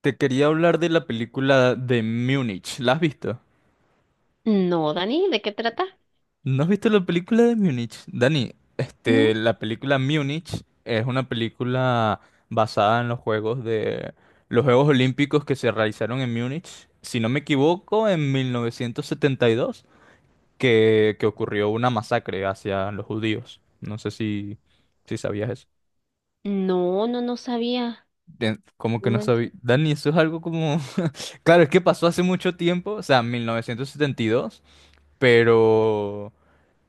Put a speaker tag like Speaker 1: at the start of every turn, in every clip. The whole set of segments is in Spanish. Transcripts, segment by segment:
Speaker 1: Te quería hablar de la película de Múnich. ¿La has visto?
Speaker 2: No, Dani, ¿de qué trata?
Speaker 1: ¿No has visto la película de Múnich? Dani,
Speaker 2: No,
Speaker 1: la película Múnich es una película basada en los Juegos Olímpicos que se realizaron en Múnich, si no me equivoco, en 1972, que ocurrió una masacre hacia los judíos. No sé si sabías eso.
Speaker 2: no, no, no sabía.
Speaker 1: Como
Speaker 2: No
Speaker 1: que no sabía.
Speaker 2: manches.
Speaker 1: Dani, eso es algo como... Claro, es que pasó hace mucho tiempo, o sea, 1972. pero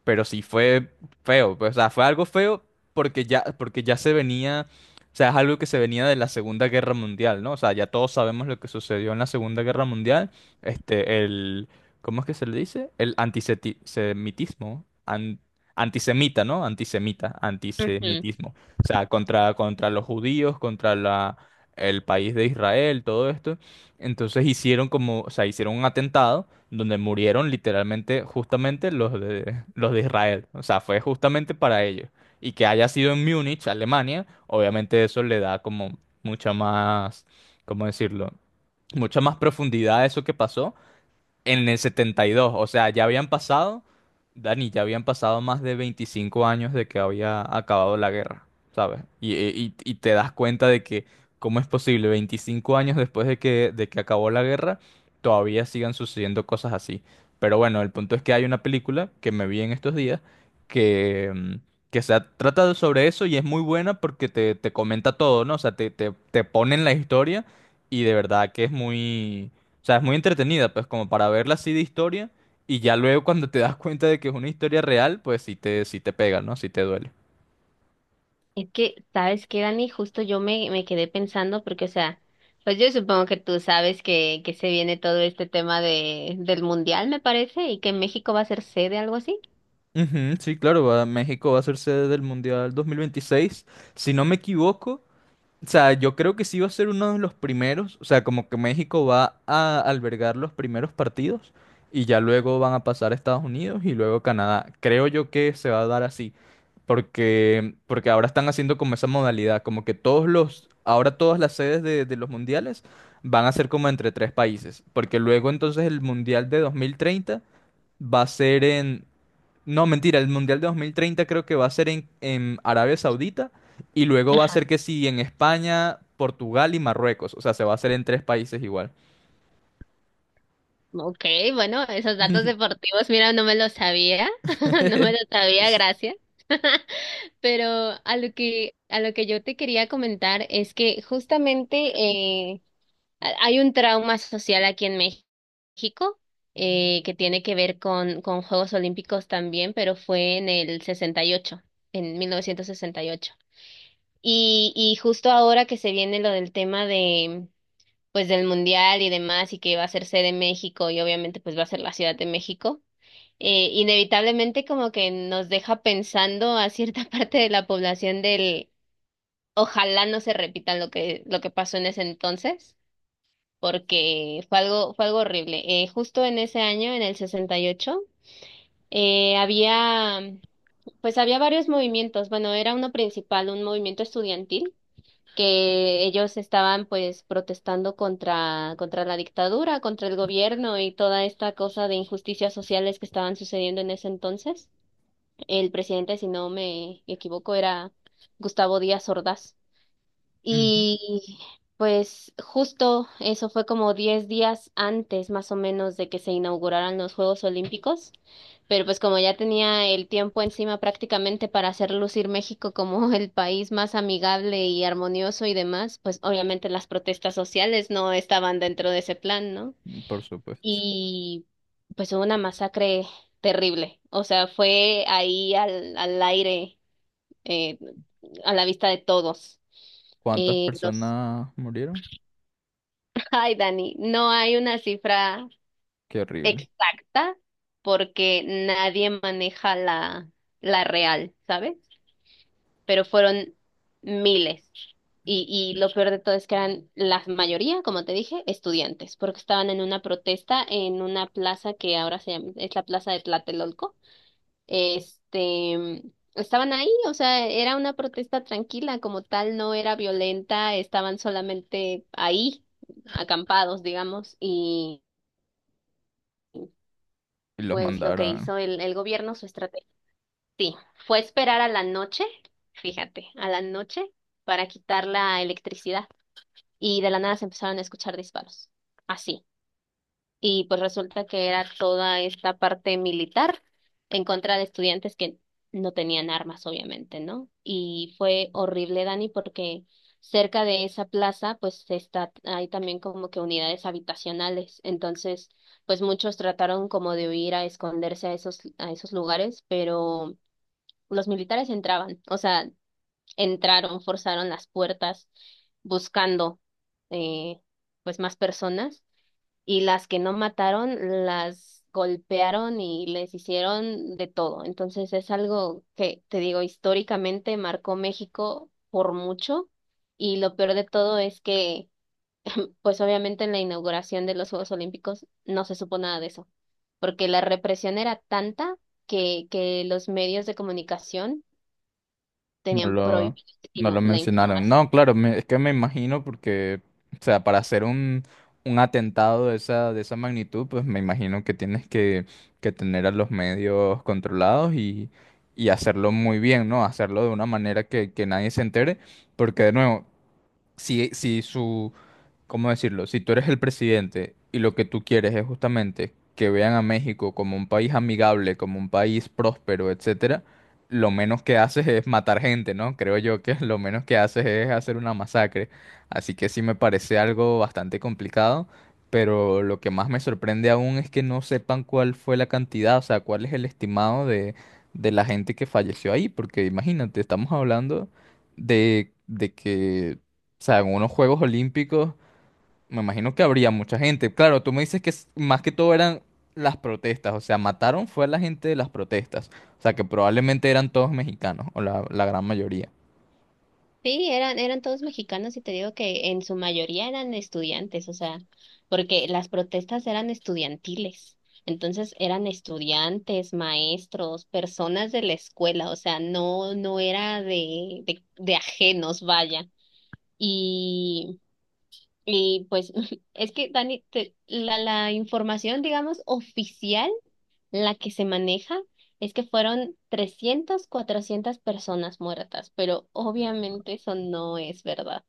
Speaker 1: pero sí fue feo, pues, o sea, fue algo feo porque ya se venía, o sea, es algo que se venía de la Segunda Guerra Mundial, ¿no? O sea, ya todos sabemos lo que sucedió en la Segunda Guerra Mundial, este el ¿cómo es que se le dice? El antisemitismo, antisemita, ¿no? Antisemita,
Speaker 2: Ujú.
Speaker 1: antisemitismo. O sea, contra los judíos, contra la el país de Israel, todo esto. Entonces hicieron como, o sea, hicieron un atentado donde murieron literalmente justamente los de Israel. O sea, fue justamente para ellos. Y que haya sido en Múnich, Alemania, obviamente eso le da como mucha más, ¿cómo decirlo? Mucha más profundidad a eso que pasó en el 72, o sea, ya habían pasado, Dani, ya habían pasado más de 25 años de que había acabado la guerra, ¿sabes? Y, y te das cuenta de que, ¿cómo es posible? 25 años después de que acabó la guerra, todavía sigan sucediendo cosas así. Pero bueno, el punto es que hay una película que me vi en estos días que, mm, trata sobre eso y es muy buena porque te comenta todo, ¿no? O sea, te ponen la historia y de verdad que es muy... O sea, es muy entretenida, pues como para verla así de historia y ya luego cuando te das cuenta de que es una historia real, pues sí te pega, ¿no? Sí te duele.
Speaker 2: Es que, ¿sabes qué, Dani? Justo yo me quedé pensando porque, o sea, pues yo supongo que tú sabes que se viene todo este tema de, del mundial, me parece, y que México va a ser sede, algo así.
Speaker 1: Ujú, sí, claro, México va a ser sede del Mundial 2026. Si no me equivoco, o sea, yo creo que sí va a ser uno de los primeros, o sea, como que México va a albergar los primeros partidos y ya luego van a pasar a Estados Unidos y luego Canadá. Creo yo que se va a dar así, porque ahora están haciendo como esa modalidad, como que ahora todas las sedes de los mundiales van a ser como entre tres países, porque luego entonces el mundial de 2030 va a ser no, mentira, el Mundial de 2030 creo que va a ser en Arabia Saudita y luego va a
Speaker 2: Ajá.
Speaker 1: ser que sí en España, Portugal y Marruecos. O sea, se va a hacer en tres países igual.
Speaker 2: Ok, bueno, esos datos deportivos, mira, no me los sabía, no me los sabía, gracias. Pero a lo que yo te quería comentar es que justamente hay un trauma social aquí en México que tiene que ver con Juegos Olímpicos también, pero fue en el 68, en 1968. Y, ocho. Y justo ahora que se viene lo del tema de, pues, del Mundial y demás, y que va a ser sede México y obviamente pues va a ser la Ciudad de México, inevitablemente como que nos deja pensando a cierta parte de la población del ojalá no se repita lo que pasó en ese entonces porque fue algo horrible. Justo en ese año, en el 68, había, pues había varios movimientos. Bueno, era uno principal, un movimiento estudiantil, que ellos estaban pues protestando contra la dictadura, contra el gobierno y toda esta cosa de injusticias sociales que estaban sucediendo en ese entonces. El presidente, si no me equivoco, era Gustavo Díaz Ordaz.
Speaker 1: Ujú.
Speaker 2: Y pues justo eso fue como 10 días antes más o menos de que se inauguraran los Juegos Olímpicos, pero pues como ya tenía el tiempo encima prácticamente para hacer lucir México como el país más amigable y armonioso y demás, pues obviamente las protestas sociales no estaban dentro de ese plan, ¿no?
Speaker 1: Por supuesto.
Speaker 2: Y pues hubo una masacre terrible, o sea, fue ahí al aire, eh, a la vista de todos.
Speaker 1: ¿Cuántas
Speaker 2: Los
Speaker 1: personas murieron?
Speaker 2: Ay, Dani, no hay una cifra
Speaker 1: Qué horrible.
Speaker 2: exacta porque nadie maneja la real, ¿sabes? Pero fueron miles. Y, y lo peor de todo es que eran la mayoría, como te dije, estudiantes, porque estaban en una protesta en una plaza que ahora se llama, es la plaza de Tlatelolco. Este, estaban ahí, o sea, era una protesta tranquila, como tal, no era violenta, estaban solamente ahí acampados, digamos,
Speaker 1: Y los
Speaker 2: pues lo que
Speaker 1: mandaron.
Speaker 2: hizo el gobierno, su estrategia, sí, fue esperar a la noche, fíjate, a la noche para quitar la electricidad. Y de la nada se empezaron a escuchar disparos. Así y pues resulta que era toda esta parte militar en contra de estudiantes que no tenían armas, obviamente, ¿no? Y fue horrible, Dani, porque cerca de esa plaza, pues está, hay también como que unidades habitacionales, entonces, pues muchos trataron como de huir a esconderse a esos lugares, pero los militares entraban, o sea, entraron, forzaron las puertas buscando, eh, pues más personas y las que no mataron las golpearon y les hicieron de todo. Entonces es algo que, te digo, históricamente marcó México por mucho y lo peor de todo es que, pues obviamente en la inauguración de los Juegos Olímpicos no se supo nada de eso, porque la represión era tanta que los medios de comunicación
Speaker 1: No
Speaker 2: tenían
Speaker 1: lo, no lo
Speaker 2: prohibidísimo la
Speaker 1: mencionaron.
Speaker 2: información.
Speaker 1: No, claro, es que me imagino porque, o sea, para hacer un atentado de de esa magnitud, pues me imagino que tienes que tener a los medios controlados y hacerlo muy bien, ¿no? Hacerlo de una manera que nadie se entere, porque de nuevo, si, si su, ¿cómo decirlo? Si tú eres el presidente y lo que tú quieres es justamente que vean a México como un país amigable, como un país próspero, etcétera, lo menos que haces es matar gente, ¿no? Creo yo que lo menos que haces es hacer una masacre. Así que sí me parece algo bastante complicado, pero lo que más me sorprende aún es que no sepan cuál fue la cantidad, o sea, cuál es el estimado de la gente que falleció ahí, porque imagínate, estamos hablando de, de que, o sea, en unos Juegos Olímpicos me imagino que habría mucha gente. Claro, tú me dices que más que todo eran las protestas, o sea, mataron fue a la gente de las protestas, o sea, que probablemente eran todos mexicanos, o la gran mayoría.
Speaker 2: Sí, eran todos mexicanos y te digo que en su mayoría eran estudiantes, o sea, porque las protestas eran estudiantiles. Entonces eran estudiantes, maestros, personas de la escuela, o sea, no, no era de ajenos, vaya. Y, y pues es que, Dani, la información, digamos, oficial, la que se maneja, es que fueron 300, 400 personas muertas, pero obviamente eso no es verdad.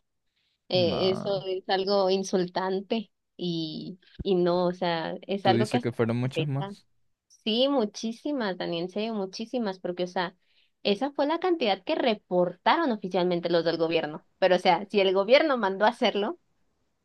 Speaker 2: Eso
Speaker 1: No,
Speaker 2: es algo insultante y no, o sea, es
Speaker 1: tú
Speaker 2: algo que
Speaker 1: dices que
Speaker 2: hasta
Speaker 1: fueron muchos
Speaker 2: afecta.
Speaker 1: más.
Speaker 2: Sí, muchísimas, Daniel, en serio, muchísimas, porque, o sea, esa fue la cantidad que reportaron oficialmente los del gobierno. Pero, o sea, si el gobierno mandó a hacerlo,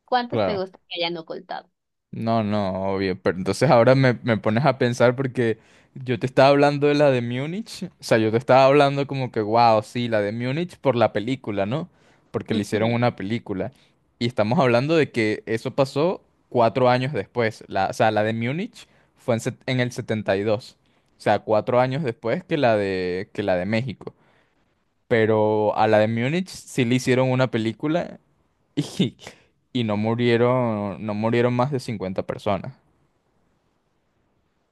Speaker 2: ¿cuántos te
Speaker 1: Claro.
Speaker 2: gusta que hayan ocultado?
Speaker 1: No, no, obvio. Pero entonces ahora me pones a pensar porque yo te estaba hablando de la de Múnich. O sea, yo te estaba hablando como que, wow, sí, la de Múnich por la película, ¿no? Porque le hicieron
Speaker 2: Ujú.
Speaker 1: una película. Y estamos hablando de que eso pasó 4 años después. La, o sea, la de Múnich fue en el 72. O sea, 4 años después que que la de México. Pero a la de Múnich sí le hicieron una película y, y no murieron, no murieron más de 50 personas.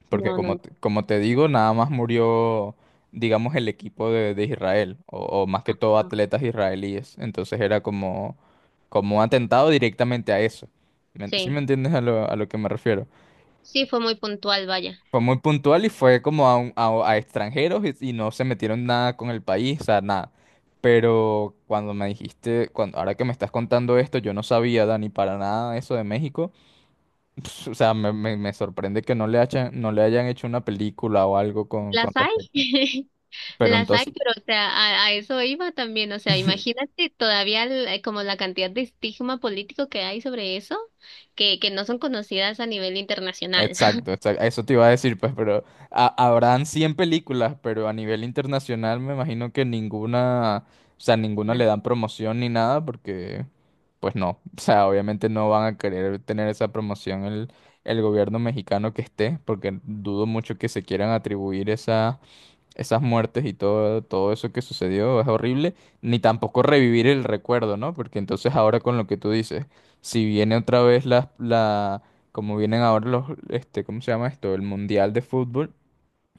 Speaker 1: Porque
Speaker 2: No, no,
Speaker 1: como,
Speaker 2: no.
Speaker 1: como te digo, nada más murió, digamos, el equipo de Israel, o más que todo
Speaker 2: Ajá.
Speaker 1: atletas israelíes. Entonces era como, como un atentado directamente a eso. ¿Sí me
Speaker 2: Sí,
Speaker 1: entiendes a a lo que me refiero?
Speaker 2: sí, fue muy puntual, vaya.
Speaker 1: Fue muy puntual y fue como a extranjeros y no se metieron nada con el país, o sea, nada. Pero cuando me dijiste, cuando, ahora que me estás contando esto, yo no sabía, Dani, para nada eso de México. Ps, o sea, me sorprende que no le hayan, no le hayan hecho una película o algo
Speaker 2: ¿Las
Speaker 1: con
Speaker 2: hay?
Speaker 1: respecto. Pero
Speaker 2: Las hay,
Speaker 1: entonces...
Speaker 2: pero o sea, a eso iba también, o sea, imagínate todavía como la cantidad de estigma político que hay sobre eso, que no son conocidas a nivel internacional,
Speaker 1: Exacto, exacto, eso te iba a decir, pues, pero habrán 100 películas, pero a nivel internacional me imagino que ninguna, o sea, ninguna le dan promoción ni nada, porque, pues no, o sea, obviamente no van a querer tener esa promoción el gobierno mexicano que esté, porque dudo mucho que se quieran atribuir esas muertes y todo, todo eso que sucedió es horrible, ni tampoco revivir el recuerdo, ¿no? Porque entonces ahora con lo que tú dices, si viene otra vez como vienen ahora los, ¿cómo se llama esto? El Mundial de Fútbol,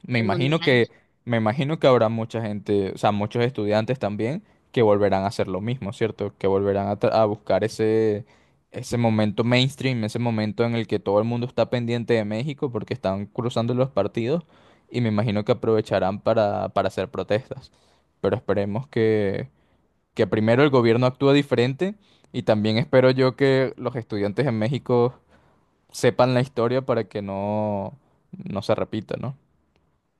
Speaker 1: me
Speaker 2: el
Speaker 1: imagino
Speaker 2: mundial.
Speaker 1: que, me imagino que habrá mucha gente, o sea, muchos estudiantes también que volverán a hacer lo mismo, ¿cierto? Que volverán a buscar ese, ese momento mainstream, ese momento en el que todo el mundo está pendiente de México porque están cruzando los partidos y me imagino que aprovecharán para hacer protestas. Pero esperemos que primero el gobierno actúe diferente y también espero yo que los estudiantes en México sepan la historia para que no, no se repita, ¿no?